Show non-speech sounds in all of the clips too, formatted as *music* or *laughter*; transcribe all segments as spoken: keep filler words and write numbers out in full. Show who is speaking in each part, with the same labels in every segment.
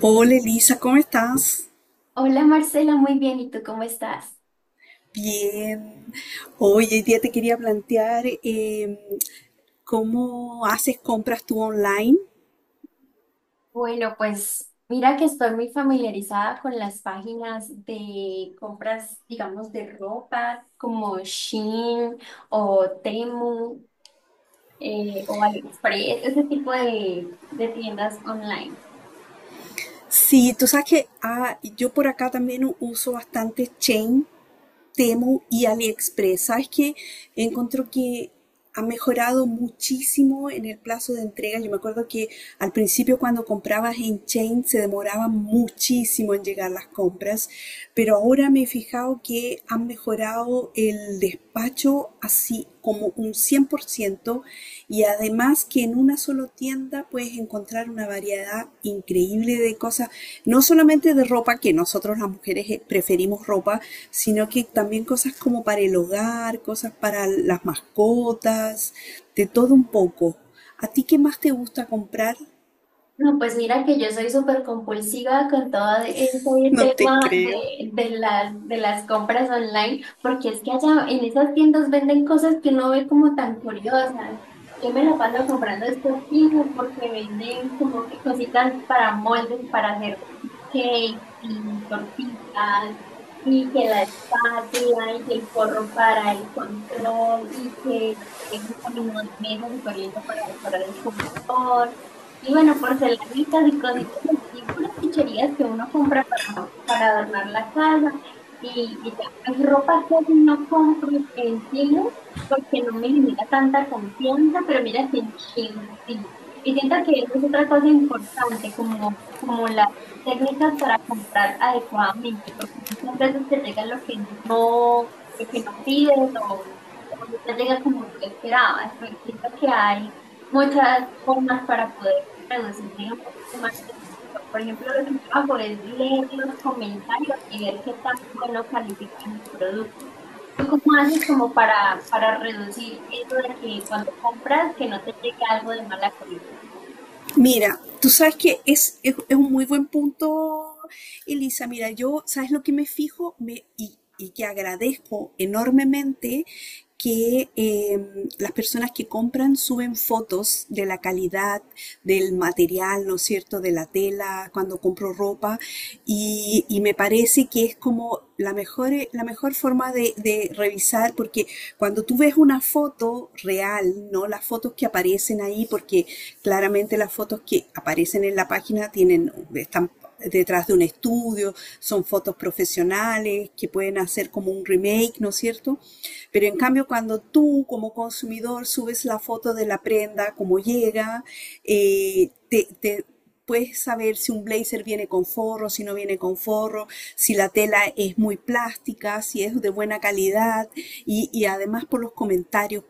Speaker 1: Hola Elisa, ¿cómo estás?
Speaker 2: Hola Marcela, muy bien. ¿Y tú cómo estás?
Speaker 1: Bien. Hoy hoy día te quería plantear eh, cómo haces compras tú online.
Speaker 2: Bueno, pues mira que estoy muy familiarizada con las páginas de compras, digamos, de ropa como Shein o Temu eh, o AliExpress, ese tipo de, de tiendas online.
Speaker 1: Sí, tú sabes que ah, yo por acá también u- uso bastante Chain Temu y AliExpress. Sabes que encuentro que ha mejorado muchísimo en el plazo de entrega. Yo me acuerdo que al principio cuando comprabas en Chain se demoraba muchísimo en llegar las compras, pero ahora me he fijado que han mejorado el despacho así como un cien por ciento y además que en una sola tienda puedes encontrar una variedad increíble de cosas, no solamente de ropa, que nosotros las mujeres eh, preferimos ropa, sino que también cosas como para el hogar, cosas para las mascotas, de todo un poco. ¿A ti qué más te gusta comprar?
Speaker 2: No, pues mira que yo soy súper compulsiva con todo este
Speaker 1: No te
Speaker 2: tema
Speaker 1: creo.
Speaker 2: de, de las, de las compras online, porque es que allá en esas tiendas venden cosas que uno ve como tan curiosas. Yo me la paso comprando estos tiendas porque venden como que cositas para moldes, para hacer cake y tortitas, y que la espátula, y que el forro para el control, y que no sé, un camino de mesa súper lindo para decorar el computador. Y bueno, porcelanitas y cositas así, puras chucherías que uno compra para, para adornar la casa. Y, y ya, pues, ropa casi no compro en sí, porque no me genera tanta confianza, pero mira que en Shein sí. Y siento que eso es otra cosa importante, como, como las técnicas para comprar adecuadamente, porque muchas veces te llega lo que no, lo que no pides o, o no te llega como tú esperabas, pero siento que hay muchas formas para poder reducir digamos, un poquito más el error. Por ejemplo, lo que yo hago es leer los comentarios y ver qué tan bueno califican el producto. ¿Tú cómo haces como para, para reducir eso de que cuando compras que no te llegue algo de mala calidad?
Speaker 1: Mira, tú sabes que es, es, es un muy buen punto, Elisa. Mira, yo, ¿sabes lo que me fijo? Me, y, y que agradezco enormemente que eh, las personas que compran suben fotos de la calidad del material, ¿no es cierto?, de la tela, cuando compro ropa, y, y me parece que es como la mejor, la mejor forma de, de revisar, porque cuando tú ves una foto real, ¿no? Las fotos que aparecen ahí, porque claramente las fotos que aparecen en la página tienen, están detrás de un estudio, son fotos profesionales que pueden hacer como un remake, ¿no es cierto? Pero en cambio, cuando tú como consumidor subes la foto de la prenda, cómo llega, eh, te, te puedes saber si un blazer viene con forro, si no viene con forro, si la tela es muy plástica, si es de buena calidad y, y además por los comentarios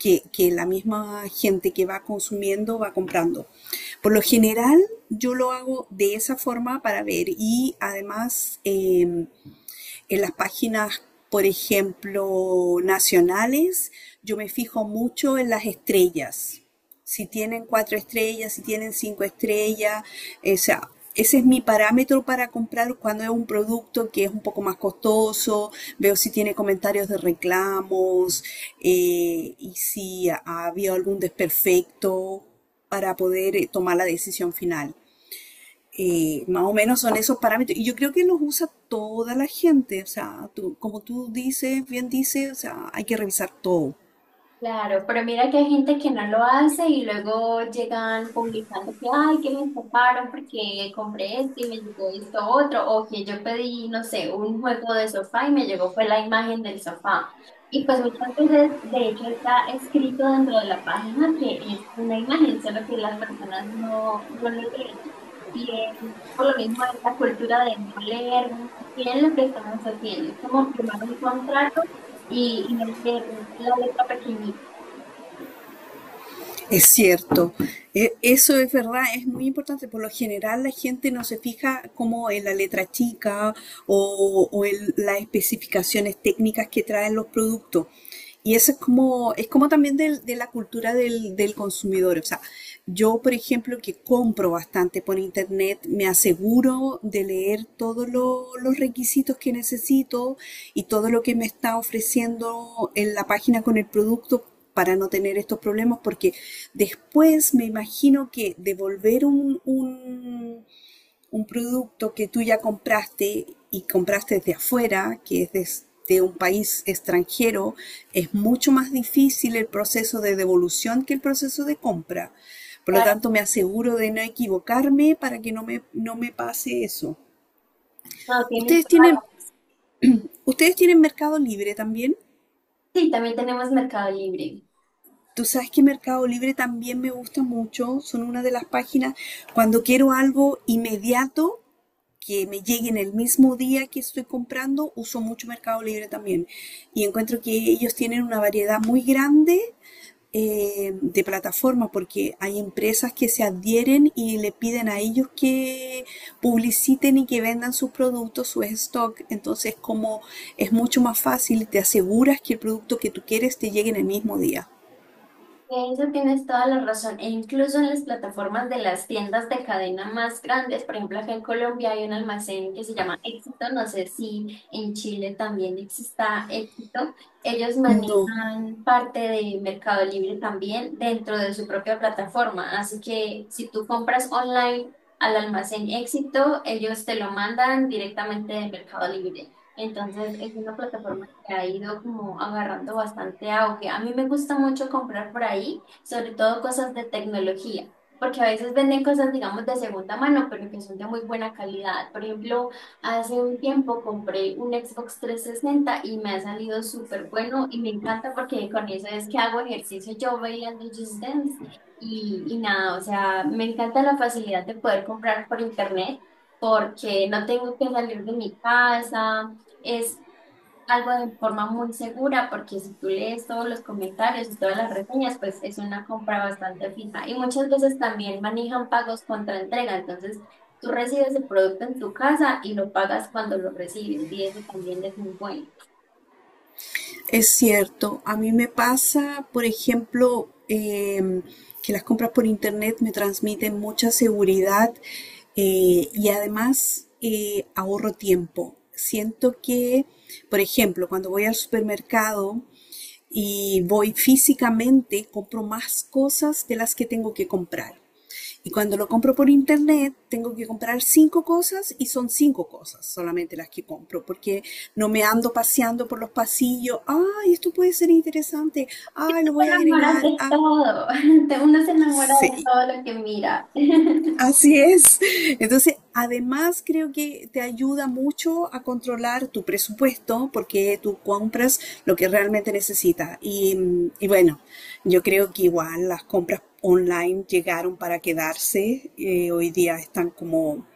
Speaker 1: que, que la misma gente que va consumiendo va comprando. Por lo general, yo lo hago de esa forma para ver y además eh, en las páginas, por ejemplo, nacionales, yo me fijo mucho en las estrellas. Si tienen cuatro estrellas, si tienen cinco estrellas, o sea, ese es mi parámetro para comprar cuando es un producto que es un poco más costoso, veo si tiene comentarios de reclamos eh, y si ha habido algún desperfecto para poder eh, tomar la decisión final. Eh, más o menos son esos parámetros. Y yo creo que los usa toda la gente. O sea, tú- como tú dices, bien dices, o sea, hay que revisar todo.
Speaker 2: Claro, pero mira que hay gente que no lo hace y luego llegan publicando que, ay, que me estafaron porque compré esto y me llegó esto otro, o que yo pedí, no sé, un juego de sofá y me llegó fue la imagen del sofá. Y pues muchas veces, de hecho, está escrito dentro de la página que es una imagen, solo que las personas no, no lo leen. Y es por lo mismo esta cultura de no leer muy bien lo que estamos haciendo, es como firmar un contrato y, y no leer la letra pequeñita.
Speaker 1: Es cierto, e- eso es verdad, es muy importante. Por lo general la gente no se fija como en la letra chica o, o en las especificaciones técnicas que traen los productos. Y eso es como, es como también del- de la cultura del, del consumidor. O sea, yo, por ejemplo, que compro bastante por internet, me aseguro de leer todos lo- los requisitos que necesito y todo lo que me está ofreciendo en la página con el producto para no tener estos problemas, porque después me imagino que devolver un, un, un producto que tú ya compraste y compraste desde afuera, que es des- de, un país extranjero, es mucho más difícil el proceso de devolución que el proceso de compra. Por lo
Speaker 2: Claro,
Speaker 1: tanto, me aseguro de no equivocarme para que no me, no me pase eso.
Speaker 2: no, tienes
Speaker 1: ¿Ustedes
Speaker 2: toda la
Speaker 1: tienen,
Speaker 2: razón.
Speaker 1: ¿ustedes tienen Mercado Libre también?
Speaker 2: Sí, también tenemos Mercado Libre.
Speaker 1: Tú sabes que Mercado Libre también me gusta mucho, son una de las páginas cuando quiero algo inmediato que me llegue en el mismo día que estoy comprando, uso mucho Mercado Libre también. Y encuentro que ellos tienen una variedad muy grande eh, de plataformas porque hay empresas que se adhieren y le piden a ellos que publiciten y que vendan sus productos, su stock. Entonces, como es mucho más fácil, te aseguras que el producto que tú quieres te llegue en el mismo día.
Speaker 2: En eso tienes toda la razón. E incluso en las plataformas de las tiendas de cadena más grandes, por ejemplo, acá en Colombia hay un almacén que se llama Éxito. No sé si en Chile también exista Éxito. Ellos
Speaker 1: No,
Speaker 2: manejan parte de Mercado Libre también dentro de su propia plataforma. Así que si tú compras online al almacén Éxito, ellos te lo mandan directamente de Mercado Libre. Entonces es una plataforma que ha ido como agarrando bastante auge. A mí me gusta mucho comprar por ahí, sobre todo cosas de tecnología, porque a veces venden cosas, digamos, de segunda mano, pero que son de muy buena calidad. Por ejemplo, hace un tiempo compré un Xbox trescientos sesenta y me ha salido súper bueno y me encanta porque con eso es que hago ejercicio yo bailando Just Dance. Y, y nada, o sea, me encanta la facilidad de poder comprar por internet porque no tengo que salir de mi casa, es algo de forma muy segura porque si tú lees todos los comentarios y todas las reseñas, pues es una compra bastante fija. Y muchas veces también manejan pagos contra entrega, entonces tú recibes el producto en tu casa y lo pagas cuando lo recibes y eso también es muy bueno.
Speaker 1: es cierto. A mí me pasa, por ejemplo, em, que las compras por internet me transmiten mucha seguridad eh, y además eh, ahorro tiempo. Siento que, por ejemplo, cuando voy al supermercado y voy físicamente, compro más cosas de las que tengo que comprar. Y cuando lo compro por internet, tengo que comprar cinco cosas y son cinco cosas solamente las que compro, porque no me ando paseando por los pasillos. Ay, esto puede ser interesante. Ay, lo
Speaker 2: Te
Speaker 1: voy a
Speaker 2: enamoras
Speaker 1: agregar.
Speaker 2: de
Speaker 1: Ah,
Speaker 2: todo. *laughs* Te- Uno se enamora de
Speaker 1: sí.
Speaker 2: todo lo que mira. *laughs*
Speaker 1: Así es. Entonces, además creo que te ayuda mucho a controlar tu presupuesto porque tú compras lo que realmente necesitas. Y, y bueno, yo creo que igual las compras online llegaron para quedarse. Eh, hoy día están como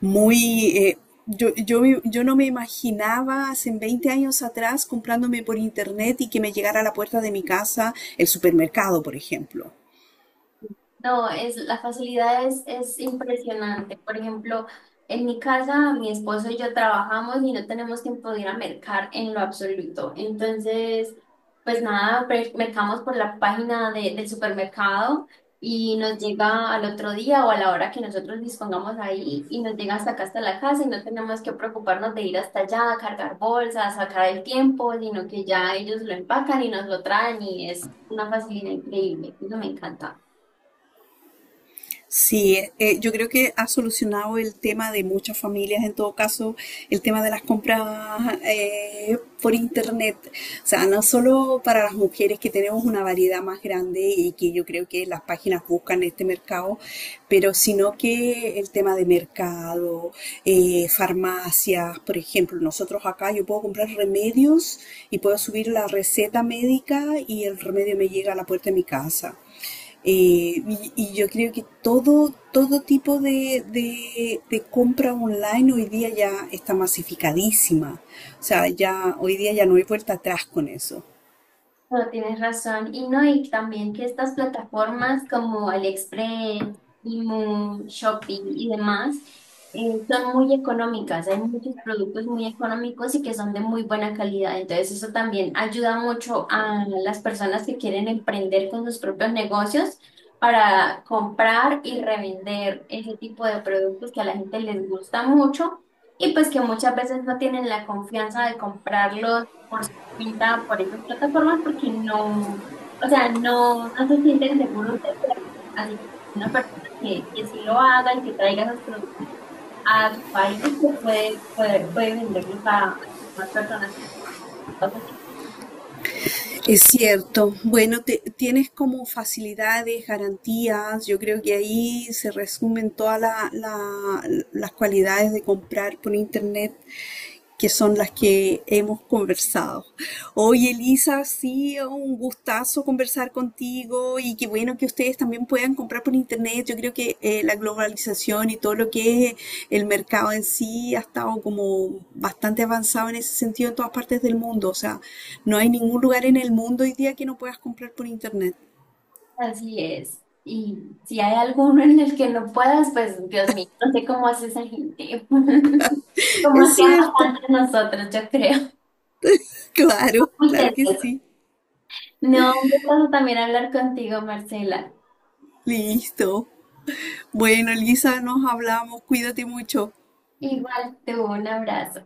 Speaker 1: muy... eh, yo, yo, me- yo no me imaginaba hace veinte años atrás comprándome por internet y que me llegara a la puerta de mi casa el supermercado, por ejemplo.
Speaker 2: No, es, la facilidad es, es impresionante. Por ejemplo, en mi casa, mi esposo y yo trabajamos y no tenemos tiempo de ir a mercar en lo absoluto. Entonces, pues nada, pre- mercamos por la página de- del supermercado y nos llega al otro día o a la hora que nosotros dispongamos ahí y nos llega hasta acá, hasta la casa y no tenemos que preocuparnos de ir hasta allá, cargar bolsas, sacar el tiempo, sino que ya ellos lo empacan y nos lo traen y es una facilidad increíble. Eso me encanta.
Speaker 1: Sí, eh, yo creo que ha solucionado el tema de muchas familias, en todo caso, el tema de las compras eh, por internet. O sea, no solo para las mujeres que tenemos una variedad más grande y que yo creo que las páginas buscan este mercado, pero sino que el tema de mercado, eh, farmacias, por ejemplo, nosotros acá yo puedo comprar remedios y puedo subir la receta médica y el remedio me llega a la puerta de mi casa. Eh, y, y yo creo que todo, todo tipo de, de- de compra online hoy día ya está masificadísima. O sea, ya hoy día ya no hay vuelta atrás con eso.
Speaker 2: No, tienes razón. Y no, y también que estas plataformas como AliExpress, Temu, Shopee y demás eh, son muy económicas. Hay muchos productos muy económicos y que son de muy buena calidad. Entonces eso también ayuda mucho a las personas que quieren emprender con sus propios negocios para comprar y revender ese tipo de productos que a la gente les gusta mucho y pues que muchas veces no tienen la confianza de comprarlos venta por esas plataformas porque no, o sea, no, no se sienten seguros de hacerlo. Así que una persona que, que sí lo haga y que traiga esos productos a su país, pues puede, puede, puede venderlos a, a más personas.
Speaker 1: Es cierto. Bueno, te- tienes como facilidades, garantías. Yo creo que ahí se resumen todas la- la- las cualidades de comprar por internet. Que son las que hemos conversado. Oye, Elisa, sí, un gustazo conversar contigo y qué bueno que ustedes también puedan comprar por internet. Yo creo que eh, la globalización y todo lo que es el mercado en sí ha estado como bastante avanzado en ese sentido en todas partes del mundo. O sea, no hay ningún lugar en el mundo hoy día que no puedas comprar por internet.
Speaker 2: Así es. Y si hay alguno en el que no puedas, pues Dios mío, no sé cómo hace esa gente. *laughs* Como
Speaker 1: Es
Speaker 2: hacíamos
Speaker 1: cierto,
Speaker 2: antes nosotros, yo creo.
Speaker 1: claro,
Speaker 2: Muy
Speaker 1: claro que
Speaker 2: tedioso.
Speaker 1: sí.
Speaker 2: No, un gusto también hablar contigo, Marcela.
Speaker 1: Listo. Bueno, Elisa, nos hablamos. Cuídate mucho.
Speaker 2: Igual tú, un abrazo.